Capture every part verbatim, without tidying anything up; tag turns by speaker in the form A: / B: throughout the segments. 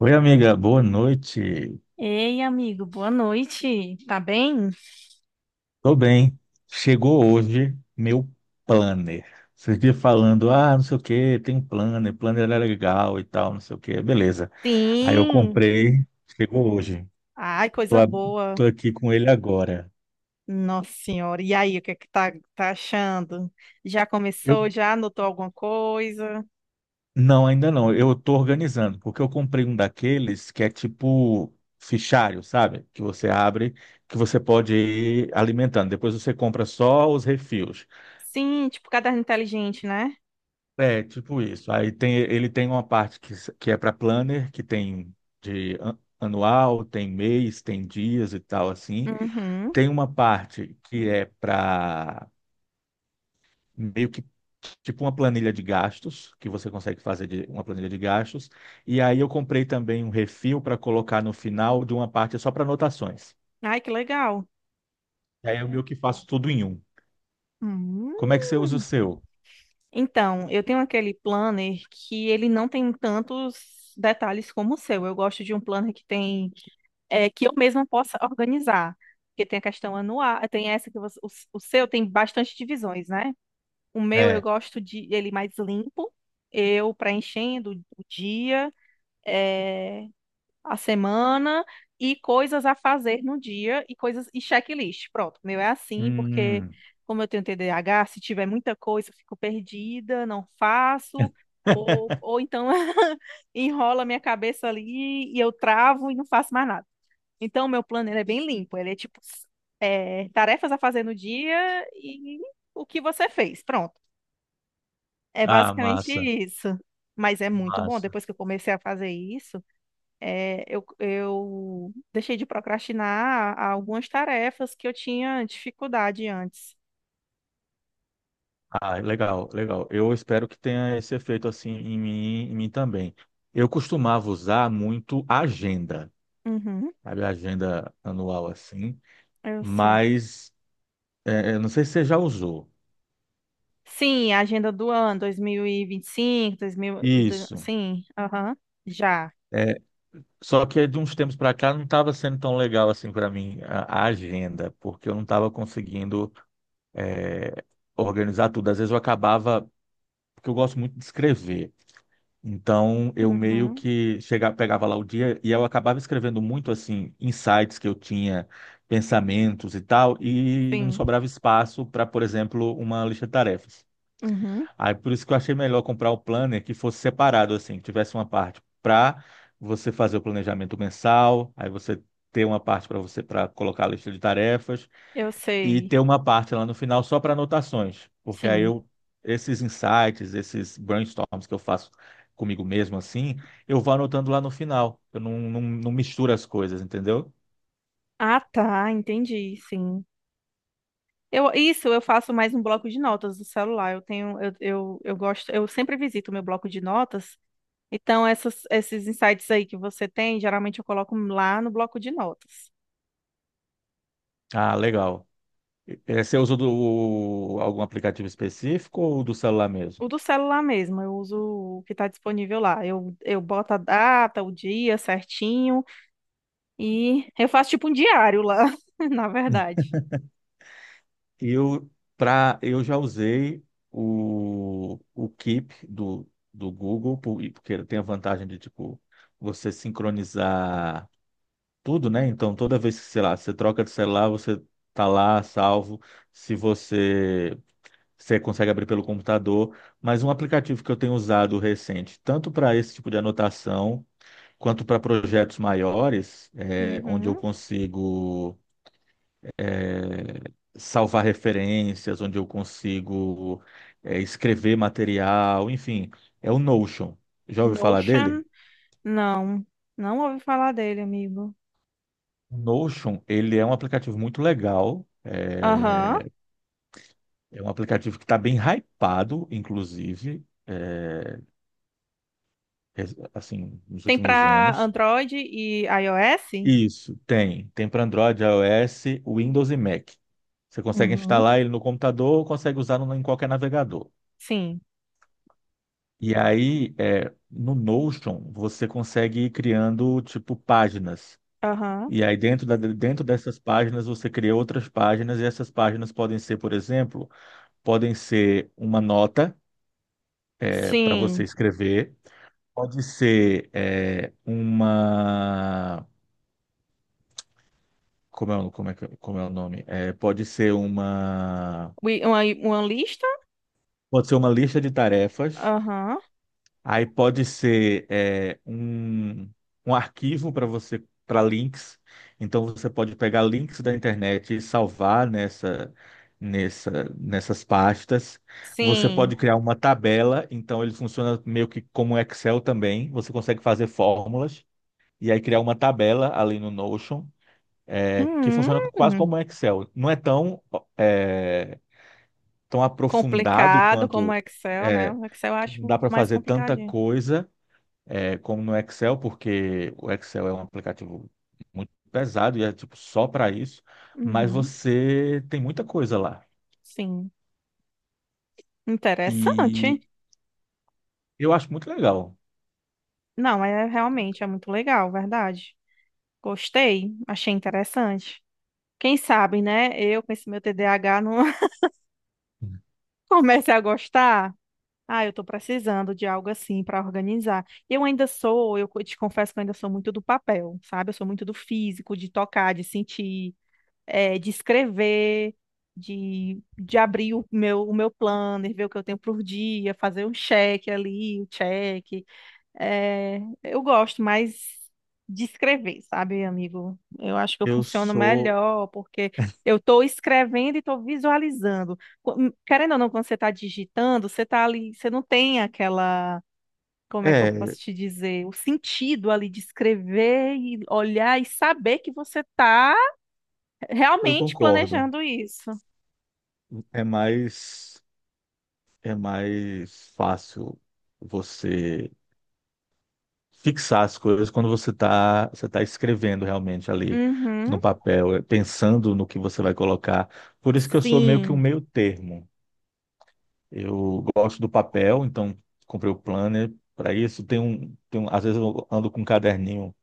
A: Oi, amiga, boa noite.
B: Ei, amigo, boa noite. Tá bem?
A: Tô bem. Chegou hoje meu planner. Vocês viram falando, ah, não sei o que, tem um planner, planner é legal e tal, não sei o que, beleza. Aí eu
B: Sim.
A: comprei, chegou hoje.
B: Ai,
A: Tô,
B: coisa
A: ab-
B: boa.
A: Tô aqui com ele agora.
B: Nossa Senhora. E aí, o que é que tá, tá achando? Já
A: Eu,
B: começou? Já anotou alguma coisa?
A: não, ainda não, eu tô organizando, porque eu comprei um daqueles que é tipo fichário, sabe? Que você abre, que você pode ir alimentando. Depois você compra só os refis.
B: Sim, tipo caderno inteligente, né?
A: É, tipo isso. Aí tem, ele tem uma parte que, s- que é para planner, que tem de an- anual, tem mês, tem dias e tal assim.
B: Uhum.
A: Tem uma parte que é para meio que tipo uma planilha de gastos, que você consegue fazer de uma planilha de gastos. E aí eu comprei também um refil para colocar no final de uma parte só para anotações.
B: Ai, que legal.
A: E aí eu meio que faço tudo em um.
B: Hum.
A: Como é que você usa o seu?
B: Então, eu tenho aquele planner que ele não tem tantos detalhes como o seu. Eu gosto de um planner que tem é, que eu mesma possa organizar. Porque tem a questão anual, tem essa que você- o, o seu tem bastante divisões, né? O meu eu
A: É.
B: gosto de ele mais limpo, eu preenchendo o dia, é, a semana e coisas a fazer no dia e coisas e checklist. Pronto, o meu é assim, porque
A: Hum.
B: como eu tenho T D A H, se tiver muita coisa, eu fico perdida, não faço. Ou, ou então enrola minha cabeça ali e eu travo e não faço mais nada. Então, o meu plano ele é bem limpo. Ele é tipo s- é, tarefas a fazer no dia e o que você fez. Pronto. É
A: Ah,
B: basicamente
A: massa,
B: isso. Mas é muito bom.
A: massa.
B: Depois que eu comecei a fazer isso, é, eu, eu deixei de procrastinar algumas tarefas que eu tinha dificuldade antes.
A: Ah, legal, legal. Eu espero que tenha esse efeito assim em mim, em mim também. Eu costumava usar muito a agenda,
B: Uhum,
A: sabe, a agenda anual assim,
B: eu sei.
A: mas é, eu não sei se você já usou.
B: Sim, a agenda do ano, dois mil e vinte e cinco, dois mil, e do-
A: Isso.
B: sim, aham, já.
A: É, só que de uns tempos para cá não estava sendo tão legal assim para mim a, a agenda, porque eu não estava conseguindo é, organizar tudo. Às vezes eu acabava, porque eu gosto muito de escrever. Então, eu meio
B: Uhum,
A: que chegava, pegava lá o dia e eu acabava escrevendo muito assim, insights que eu tinha, pensamentos e tal, e não
B: sim,
A: sobrava espaço para, por exemplo, uma lista de tarefas.
B: uhum,
A: Aí por isso que eu achei melhor comprar o planner que fosse separado assim, que tivesse uma parte para você fazer o planejamento mensal, aí você ter uma parte para você para colocar a lista de tarefas
B: eu
A: e
B: sei,
A: ter uma parte lá no final só para anotações, porque aí
B: sim.
A: eu, esses insights, esses brainstorms que eu faço comigo mesmo assim, eu vou anotando lá no final. Eu não, não, não misturo as coisas, entendeu?
B: Ah, tá, entendi, sim. Eu, isso, eu faço mais um bloco de notas do celular. Eu tenho, eu, eu, eu gosto, eu sempre visito o meu bloco de notas. Então, essas, esses insights aí que você tem, geralmente eu coloco lá no bloco de notas.
A: Ah, legal. Eh, Você usa do, algum aplicativo específico ou do celular mesmo?
B: O do celular mesmo, eu uso o que está disponível lá. Eu, eu boto a data, o dia certinho e eu faço tipo um diário lá, na verdade.
A: Eu, pra, eu já usei o, o Keep do, do Google, por- porque ele tem a vantagem de, tipo, você sincronizar tudo, né? Então, toda vez que, sei lá, você troca de celular, você tá lá salvo. Se você, você consegue abrir pelo computador. Mas um aplicativo que eu tenho usado recente, tanto para esse tipo de anotação, quanto para projetos maiores, é, onde eu
B: Uhum.
A: consigo é, salvar referências, onde eu consigo é, escrever material, enfim, é o Notion. Já ouviu falar dele?
B: Notion, não, não ouvi falar dele, amigo.
A: O Notion, ele é um aplicativo muito legal.
B: Aham.
A: é, É um aplicativo que está bem hypado, inclusive, é, res- assim, nos
B: Tem
A: últimos
B: para
A: anos.
B: Android e iOS?
A: Isso, tem. Tem para Android, iOS, Windows e Mac. Você consegue
B: Uhum.
A: instalar ele no computador ou consegue usar no- em qualquer navegador.
B: Sim.
A: E aí, é, no Notion, você consegue ir criando, tipo, páginas.
B: Aham.
A: E aí, dentro da- dentro dessas páginas, você cria outras páginas, e essas páginas podem ser, por exemplo, podem ser uma nota, para você
B: Sim.
A: escrever. Pode ser é, uma. Como é, o- como é, que- como é o nome? É, pode ser uma.
B: Wi- Uma, uma lista?
A: Pode ser uma lista de tarefas.
B: Aham.
A: Aí pode ser é, um, um arquivo para você, para links. Então você pode pegar links da internet e salvar nessa, nessa, nessas pastas. Você
B: Sim.
A: pode criar uma tabela. Então ele funciona meio que como um Excel também. Você consegue fazer fórmulas e aí criar uma tabela ali no Notion. É, que
B: Hum,
A: funciona quase como um Excel. Não é tão, é, tão aprofundado
B: complicado como o
A: quanto
B: Excel, né?
A: é,
B: O Excel eu
A: que não
B: acho
A: dá para
B: mais
A: fazer tanta
B: complicadinho.
A: coisa é, como no Excel, porque o Excel é um aplicativo muito pesado e é tipo só para isso, mas
B: Uhum.
A: você tem muita coisa lá.
B: Sim.
A: E
B: Interessante.
A: eu acho muito legal.
B: Não, é realmente é muito legal, verdade. Gostei, achei interessante. Quem sabe, né? Eu com esse meu T D A H não comece a gostar. Ah, eu estou precisando de algo assim para organizar. Eu ainda sou, eu co- te confesso que eu ainda sou muito do papel, sabe? Eu sou muito do físico, de tocar, de sentir, eh, de escrever, de, de abrir o meu, o meu planner, ver o que eu tenho por dia, fazer um check ali, o check. É, eu gosto mais de escrever, sabe, amigo? Eu acho que eu
A: Eu
B: funciono
A: sou.
B: melhor porque eu estou escrevendo e estou visualizando. Co- Querendo ou não, quando você está digitando, você está ali, você não tem aquela, como é que eu
A: É,
B: posso te dizer, o sentido ali de escrever e olhar e saber que você está
A: eu
B: realmente
A: concordo.
B: planejando isso.
A: É mais, é mais fácil você fixar as coisas quando você está você tá escrevendo realmente ali
B: Uhum.
A: no papel, eh, pensando no que você vai colocar. Por isso que eu sou meio que um
B: Sim,
A: meio termo. Eu gosto do papel, então comprei o planner para isso. Tem um, tem um, às vezes eu ando com um caderninho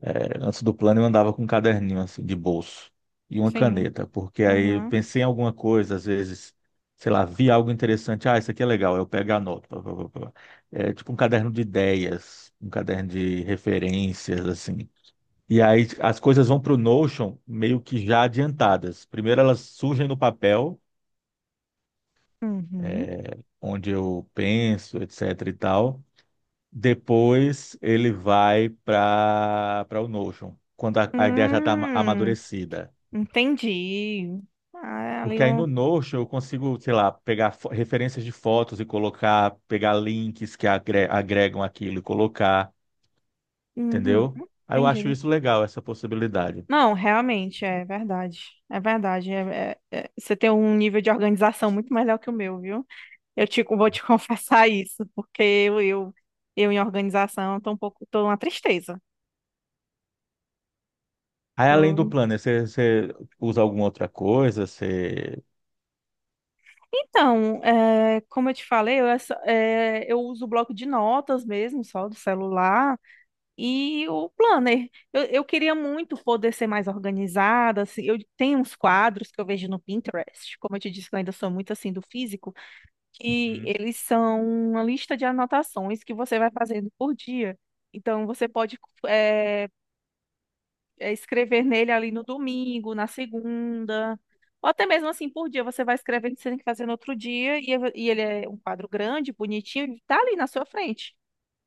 A: é, antes do plano eu andava com um caderninho assim, de bolso e uma
B: sim.
A: caneta, porque aí eu
B: Uhum.
A: pensei em alguma coisa, às vezes, sei lá, vi algo interessante, ah, isso aqui é legal, eu pego a nota. Pá, pá, pá, pá. É tipo um caderno de ideias, um caderno de referências, assim. E aí as coisas vão para o Notion meio que já adiantadas. Primeiro elas surgem no papel,
B: Uhum.
A: onde eu penso, etc e tal. Depois ele vai para para o Notion, quando a, a ideia já está
B: Hum.
A: amadurecida.
B: Entendi. Ah, é ali
A: Porque aí
B: um.
A: no Notion eu consigo, sei lá, pegar fo- referências de fotos e colocar, pegar links que agre- agregam aquilo e colocar,
B: Uhum,
A: entendeu? Aí eu acho
B: entendi.
A: isso legal, essa possibilidade.
B: Não, realmente, é verdade. É verdade. é- é- é- você tem um nível de organização muito melhor que o meu, viu? Eu te, vou te confessar isso, porque eu, eu, eu em organização tô um pouco, tô uma tristeza.
A: Aí além do
B: Eu-
A: Planner, você, você usa alguma outra coisa? Você...
B: então, é, como eu te falei, eu, essa- é, eu uso o bloco de notas mesmo, só do celular. E o planner. Eu, eu queria muito poder ser mais organizada. Assim, eu tenho uns quadros que eu vejo no Pinterest, como eu te disse, que eu ainda sou muito assim do físico, que
A: Uhum.
B: eles são uma lista de anotações que você vai fazendo por dia. Então, você pode eh, eh, escrever nele ali no domingo, na segunda, ou até mesmo assim por dia. Você vai escrevendo, você tem que fazer no outro dia, e, e ele é um quadro grande, bonitinho, e tá ali na sua frente.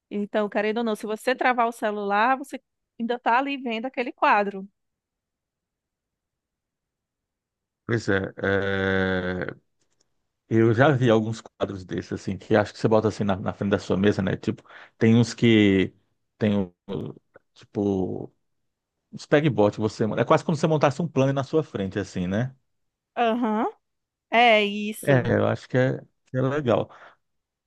B: Então, querendo ou não, se você travar o celular, você ainda está ali vendo aquele quadro.
A: Pois é, é, eu já vi alguns quadros desses, assim, que acho que você bota assim na, na frente da sua mesa, né? Tipo, tem uns que tem, o- o- tipo, uns pegboard que você... É quase como se você montasse um planner na sua frente, assim, né?
B: Aham. É isso.
A: É, eu acho que é, Que é legal.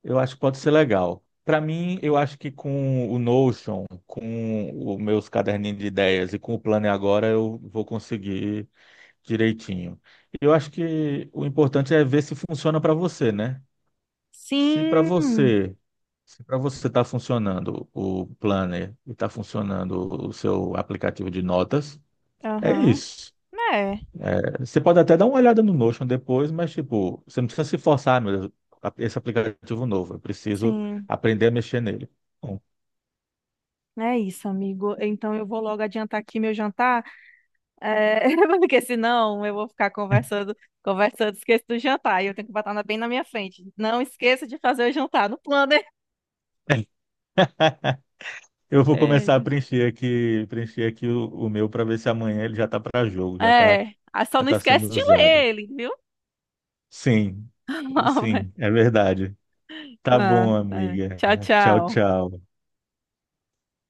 A: Eu acho que pode ser legal. Para mim, eu acho que com o Notion, com os meus caderninhos de ideias e com o plano e agora, eu vou conseguir direitinho. Eu acho que o importante é ver se funciona para você, né? Se para
B: Sim.
A: você, se para você está funcionando o planner e está funcionando o seu aplicativo de notas, é
B: Aham.
A: isso.
B: É.
A: É, você pode até dar uma olhada no Notion depois, mas tipo, você não precisa se forçar, "Ah, meu Deus, a- esse aplicativo novo, eu preciso
B: Sim.
A: aprender a mexer nele. Bom,
B: É isso, amigo. Então eu vou logo adiantar aqui meu jantar, é, porque senão eu vou ficar conversando, conversando, esqueço do jantar e eu tenho que botar na- bem na minha frente. Não esqueça de fazer o jantar no planner.
A: eu vou começar
B: Eita.
A: a preencher aqui, preencher aqui o, o meu para ver se amanhã ele já está para jogo, já está
B: É, ah, só
A: já
B: não
A: tá
B: esquece
A: sendo
B: de
A: usado.
B: ler ele, viu?
A: Sim,
B: Ah, vai.
A: sim, é verdade. Tá
B: Ah,
A: bom,
B: é.
A: amiga.
B: Tchau,
A: Tchau,
B: tchau.
A: tchau.